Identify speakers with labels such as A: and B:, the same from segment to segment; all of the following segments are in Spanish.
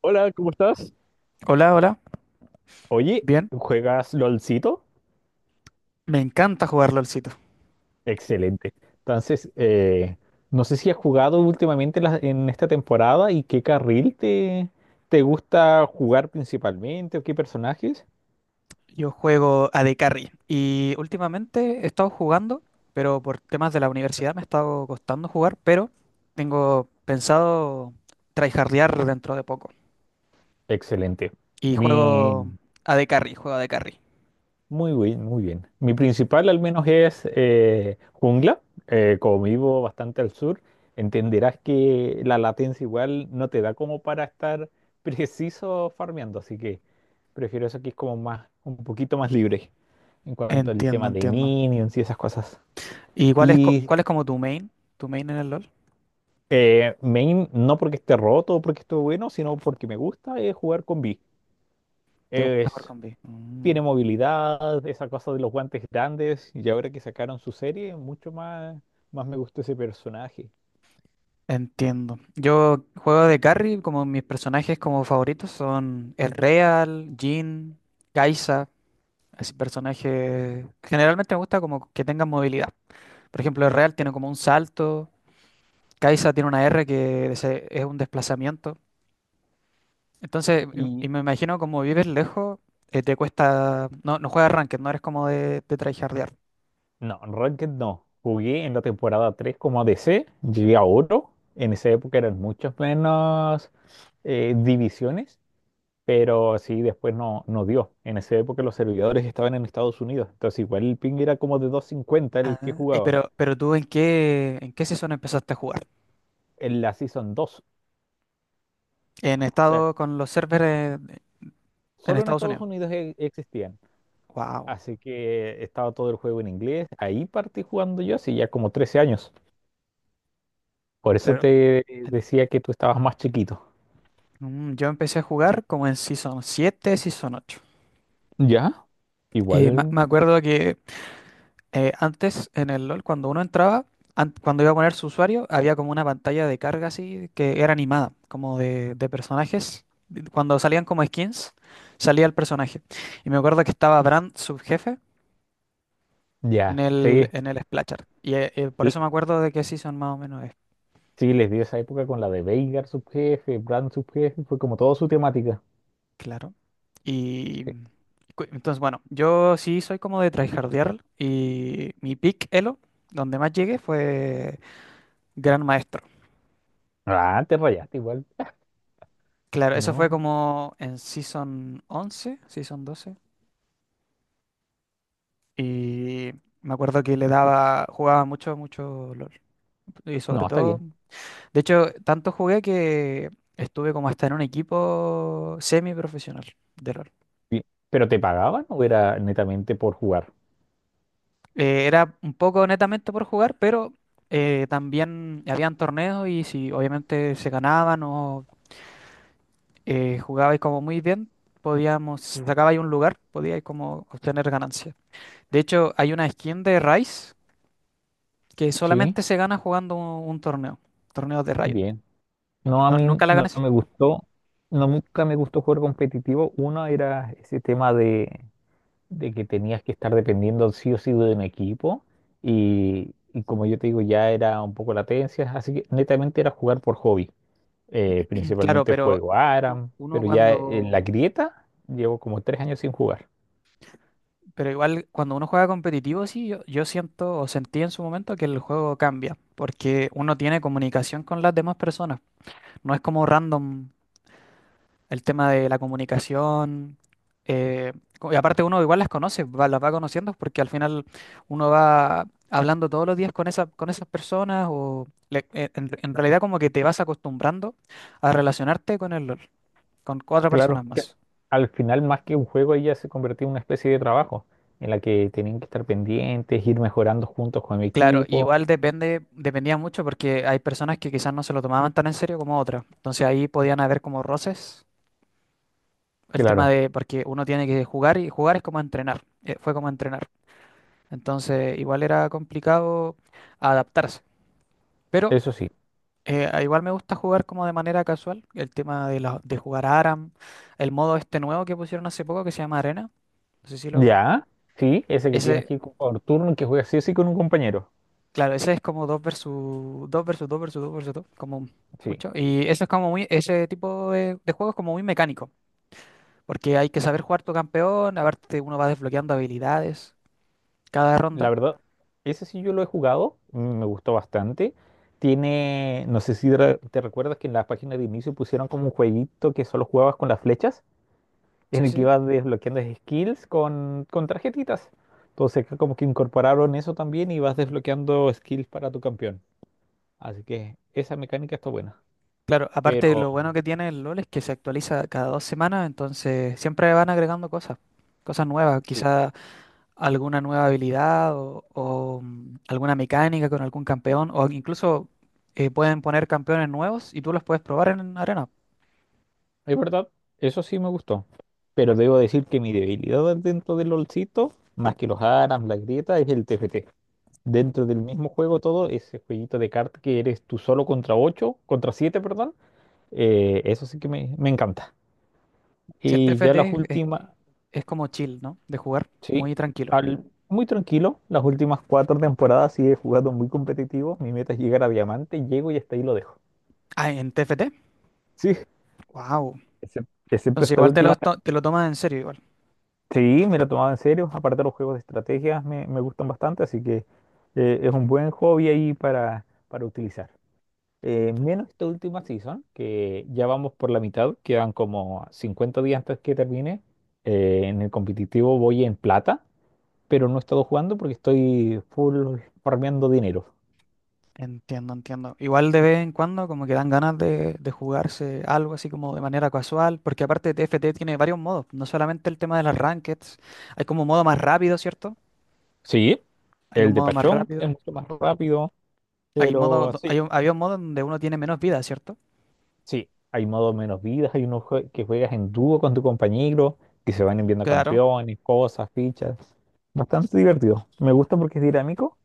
A: Hola, ¿cómo estás?
B: Hola, hola.
A: Oye,
B: Bien.
A: ¿juegas LOLcito?
B: Me encanta jugar LOLcito.
A: Excelente. Entonces, no sé si has jugado últimamente en esta temporada y qué carril te gusta jugar principalmente o qué personajes.
B: Yo juego a AD Carry y últimamente he estado jugando, pero por temas de la universidad me ha estado costando jugar, pero tengo pensado tryhardear dentro de poco.
A: Excelente.
B: Y
A: Mi,
B: juego a AD Carry, juego a AD Carry.
A: Muy bien, muy bien. Mi principal al menos es jungla. Como vivo bastante al sur, entenderás que la latencia igual no te da como para estar preciso farmeando, así que prefiero eso que es como más, un poquito más libre en cuanto al
B: Entiendo,
A: tema de
B: entiendo.
A: minions y esas cosas.
B: ¿Y cuál es,
A: Y
B: cuál es como tu main? ¿Tu main en el LOL?
A: main, no porque esté roto o porque esté bueno, sino porque me gusta es jugar con B.
B: ¿Te gusta jugar con B?
A: Tiene movilidad, esa cosa de los guantes grandes, y ahora que sacaron su serie, mucho más, más me gustó ese personaje.
B: Entiendo. Yo juego de carry, como mis personajes como favoritos son el Real, Jhin, Kai'Sa. Así personaje generalmente me gusta como que tengan movilidad. Por ejemplo, el Real
A: Ya.
B: tiene como un salto. Kai'Sa tiene una R que es un desplazamiento. Entonces, y
A: Y
B: y me imagino como vives lejos, te cuesta. No, no juegas ranked, no eres como de tryhardear.
A: no, Ranked no. Jugué en la temporada 3 como ADC, llegué a oro. En esa época eran muchas menos divisiones, pero sí, después no, no dio. En esa época los servidores estaban en Estados Unidos, entonces igual el ping era como de 250 el que
B: Ah, y
A: jugaba
B: pero tú en qué, ¿en qué season empezaste a jugar?
A: en la Season dos.
B: En
A: O sea,
B: estado con los servers de- en
A: solo en
B: Estados
A: Estados
B: Unidos.
A: Unidos existían.
B: Wow.
A: Así que estaba todo el juego en inglés. Ahí partí jugando yo hace ya como 13 años. Por eso
B: Claro.
A: te
B: En-
A: decía que tú estabas más chiquito.
B: Yo empecé a jugar como en Season 7, Season 8.
A: ¿Ya?
B: Y me
A: Igual,
B: me acuerdo que antes en el LOL, cuando uno entraba, cuando iba a poner su usuario, había como una pantalla de carga así que era animada, como de personajes. Cuando salían como skins, salía el personaje. Y me acuerdo que estaba Brand, subjefe,
A: ya. Sí,
B: en el Splashart. Y por
A: l-
B: eso me acuerdo de qué season más o menos es,
A: sí, les dio esa época con la de Veigar subjefe, Brand subjefe, fue como toda su temática.
B: claro.
A: Sí.
B: Y entonces, bueno, yo sí soy como de tryhardear y mi pick elo, donde más llegué, fue Gran Maestro.
A: Ah, te rayaste igual.
B: Claro, eso fue
A: No,
B: como en Season 11, Season 12. Y me acuerdo que le daba, jugaba mucho, mucho LOL. Y sobre
A: no, está
B: todo,
A: bien.
B: de hecho, tanto jugué que estuve como hasta en un equipo semiprofesional de LOL.
A: Bien. ¿Pero te pagaban o era netamente por jugar?
B: Era un poco netamente por jugar, pero también habían torneos y si obviamente se ganaban o jugabais como muy bien, podíamos, si sacabais un lugar, podíais como obtener ganancias. De hecho, hay una skin de Rice que
A: Sí.
B: solamente se gana jugando un torneo, torneos de Riot.
A: Bien. No, a
B: No,
A: mí
B: nunca la
A: no
B: ganas.
A: me gustó, no, nunca me gustó jugar competitivo. Uno era ese tema de que tenías que estar dependiendo sí o sí de un equipo y como yo te digo ya era un poco latencia, así que netamente era jugar por hobby.
B: Claro,
A: Principalmente
B: pero
A: juego
B: uno,
A: ARAM,
B: uno
A: pero ya en
B: cuando,
A: la grieta llevo como 3 años sin jugar.
B: pero igual cuando uno juega competitivo, sí, yo siento o sentí en su momento que el juego cambia, porque uno tiene comunicación con las demás personas, no es como random. El tema de la comunicación. eh, y aparte uno igual las conoce, las va conociendo porque al final uno va hablando todos los días con esa, con esas personas o en realidad como que te vas acostumbrando a relacionarte con el, LOL, con 4 personas
A: Claro. Que
B: más.
A: Al final más que un juego ella se convirtió en una especie de trabajo en la que tenían que estar pendientes, ir mejorando juntos con mi
B: Claro,
A: equipo,
B: igual depende, dependía mucho porque hay personas que quizás no se lo tomaban tan en serio como otras. Entonces ahí podían haber como roces. El tema
A: claro,
B: de, porque uno tiene que jugar y jugar es como entrenar. Fue como entrenar. Entonces, igual era complicado adaptarse. Pero
A: eso sí,
B: igual me gusta jugar como de manera casual. El tema de, de jugar a ARAM, el modo este nuevo que pusieron hace poco que se llama Arena. No sé si lo conoces.
A: ya, sí, ese que tienes
B: Ese,
A: que ir por turno y que juegas sí o sí con un compañero,
B: claro, ese es como 2 versus 2 versus 2 versus 2 versus 2 como
A: sí.
B: mucho. Y eso es como muy, ese tipo de juego es como muy mecánico, porque hay que saber jugar tu campeón, a ver, uno va desbloqueando habilidades cada
A: La
B: ronda.
A: verdad, ese sí yo lo he jugado, me gustó bastante. Tiene, no sé si te recuerdas que en la página de inicio pusieron como un jueguito que solo jugabas con las flechas, en
B: Sí,
A: el que
B: sí.
A: ibas desbloqueando skills con tarjetitas. Entonces acá como que incorporaron eso también y vas desbloqueando skills para tu campeón. Así que esa mecánica está buena.
B: Claro, aparte
A: Pero
B: lo bueno que tiene el LOL es que se actualiza cada 2 semanas, entonces siempre van agregando cosas, cosas nuevas,
A: sí,
B: quizá alguna nueva habilidad o, alguna mecánica con algún campeón, o incluso pueden poner campeones nuevos y tú los puedes probar en arena.
A: es verdad, eso sí me gustó. Pero debo decir que mi debilidad dentro del LOLcito, más que los ARAMS, la grieta, es el TFT, dentro del mismo juego todo, ese jueguito de cartas que eres tú solo contra ocho, contra siete, perdón, eso sí que me encanta.
B: Si el
A: Y ya las
B: TFT es,
A: últimas,
B: es como chill, ¿no? De jugar
A: sí,
B: muy tranquilo.
A: al- muy tranquilo, las últimas cuatro temporadas sí he jugado muy competitivo, mi meta es llegar a diamante, llego y hasta ahí lo dejo.
B: Ah, en TFT,
A: Sí,
B: wow.
A: excepto
B: Entonces
A: esta
B: igual te
A: última.
B: lo, te lo tomas en serio.
A: Sí, me lo tomaba en serio, aparte los juegos de estrategias me gustan bastante, así que es un buen hobby ahí para utilizar. Menos esta última season, que ya vamos por la mitad, quedan como 50 días antes que termine. En el competitivo voy en plata, pero no he estado jugando porque estoy full farmeando dinero.
B: Entiendo, entiendo. Igual de vez en cuando como que dan ganas de jugarse algo así como de manera casual, porque aparte TFT tiene varios modos, no solamente el tema de las rankeds, hay como un modo más rápido, ¿cierto?
A: Sí,
B: Hay un
A: el de
B: modo más
A: Pachón es
B: rápido,
A: mucho más rápido,
B: hay modo,
A: pero sí,
B: hay un, había un modo donde uno tiene menos vida, ¿cierto?
A: sí, hay modo menos vidas, hay unos que juegas en dúo con tu compañero, que se van enviando
B: Claro,
A: campeones, cosas, fichas. Bastante divertido. Me gusta porque es dinámico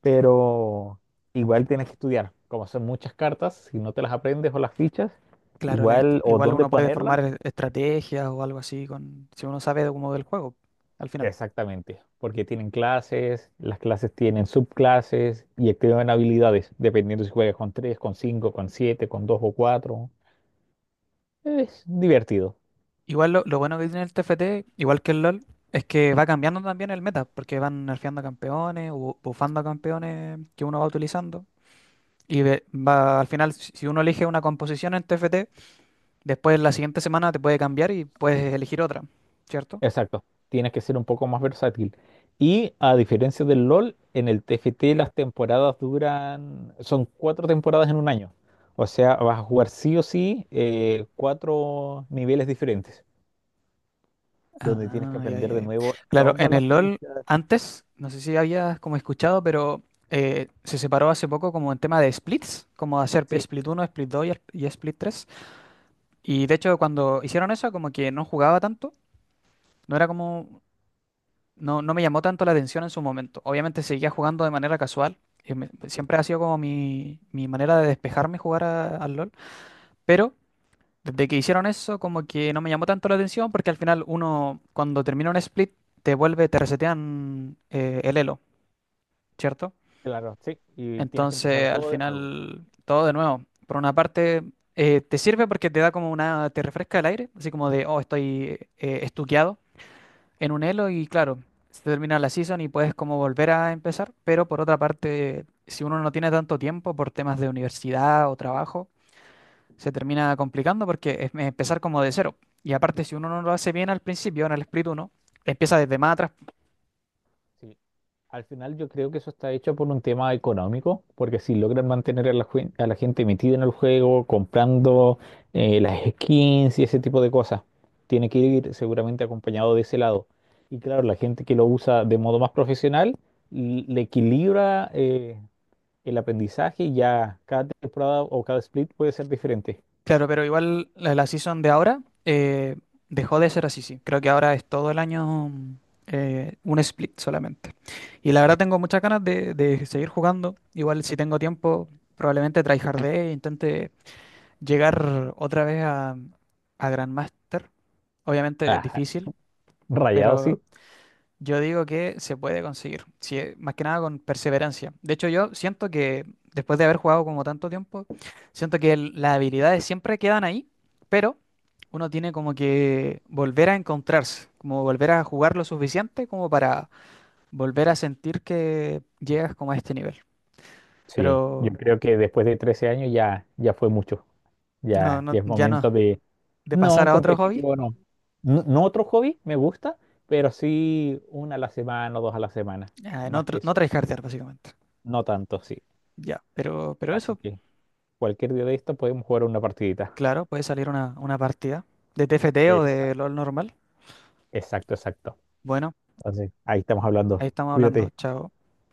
A: pero igual tienes que estudiar. Como son muchas cartas, si no te las aprendes o las fichas,
B: claro, la
A: igual, o
B: igual
A: dónde
B: uno puede formar
A: ponerlas,
B: estrategias o algo así con, si uno sabe de cómo del juego, al final.
A: exactamente, porque tienen clases, las clases tienen subclases y activan habilidades, dependiendo si juegas con 3 con 5 con 7 con 2 o cuatro. Es divertido.
B: Igual lo bueno que tiene el TFT, igual que el LOL, es que va cambiando también el meta, porque van nerfeando a campeones o buffando a campeones que uno va utilizando. Y al final, si uno elige una composición en TFT, después la siguiente semana te puede cambiar y puedes elegir otra, ¿cierto?
A: Exacto, tienes que ser un poco más versátil. Y a diferencia del LOL, en el TFT las temporadas duran, son cuatro temporadas en un año. O sea, vas a jugar sí o sí cuatro niveles diferentes, donde tienes que
B: Ah, ya,
A: aprender
B: ya,
A: de
B: ya.
A: nuevo
B: Claro,
A: todas
B: en
A: las
B: el LOL,
A: pistas.
B: antes, no sé si habías como escuchado, pero se separó hace poco como en tema de splits, como hacer
A: Sí,
B: split 1, split 2 y split 3. Y de hecho, cuando hicieron eso, como que no jugaba tanto. No era como, no, no me llamó tanto la atención en su momento. Obviamente seguía jugando de manera casual. Y siempre ha sido como mi manera de despejarme jugar al LOL. Pero desde que hicieron eso, como que no me llamó tanto la atención porque al final uno, cuando termina un split, te vuelve, te resetean el elo, ¿cierto?
A: claro, sí, y tienes que empezar
B: Entonces al
A: todo de nuevo.
B: final todo de nuevo. Por una parte te sirve porque te da como una, te refresca el aire, así como de, oh, estoy estuqueado, en un elo y claro, se termina la season y puedes como volver a empezar, pero por otra parte, si uno no tiene tanto tiempo por temas de universidad o trabajo, se termina complicando porque es empezar como de cero. Y aparte, si uno no lo hace bien al principio, en el split 1 empieza desde más atrás.
A: Sí. Al final yo creo que eso está hecho por un tema económico, porque si logran mantener a a la gente metida en el juego, comprando las skins y ese tipo de cosas, tiene que ir seguramente acompañado de ese lado. Y claro, la gente que lo usa de modo más profesional le equilibra el aprendizaje y ya cada temporada o cada split puede ser diferente.
B: Claro, pero igual la, la season de ahora dejó de ser así, sí. Creo que ahora es todo el año un split solamente. Y la verdad tengo muchas ganas de seguir jugando. Igual si tengo tiempo, probablemente tryhardé e intente llegar otra vez a Grandmaster. Obviamente es
A: Ah,
B: difícil,
A: rayado,
B: pero
A: sí.
B: yo digo que se puede conseguir, si más que nada con perseverancia. De hecho, yo siento que después de haber jugado como tanto tiempo, siento que las habilidades siempre quedan ahí, pero uno tiene como que volver a encontrarse, como volver a jugar lo suficiente como para volver a sentir que llegas como a este nivel.
A: Sí, yo
B: Pero
A: creo que después de 13 años ya, ya fue mucho.
B: no,
A: Ya,
B: no,
A: ya es
B: ya no,
A: momento.
B: de pasar
A: No,
B: a otro hobby,
A: competitivo no. No, no otro hobby, me gusta, pero sí una a la semana o dos a la semana.
B: a no,
A: Más que
B: no
A: eso,
B: tryhardear básicamente.
A: no tanto, sí.
B: Ya, pero
A: Así
B: eso,
A: que cualquier día de esto podemos jugar una partidita.
B: claro, puede salir una partida de TFT o
A: Exacto,
B: de LOL normal.
A: exacto, exacto.
B: Bueno,
A: Entonces, ahí estamos
B: ahí
A: hablando.
B: estamos hablando.
A: Cuídate.
B: Chao.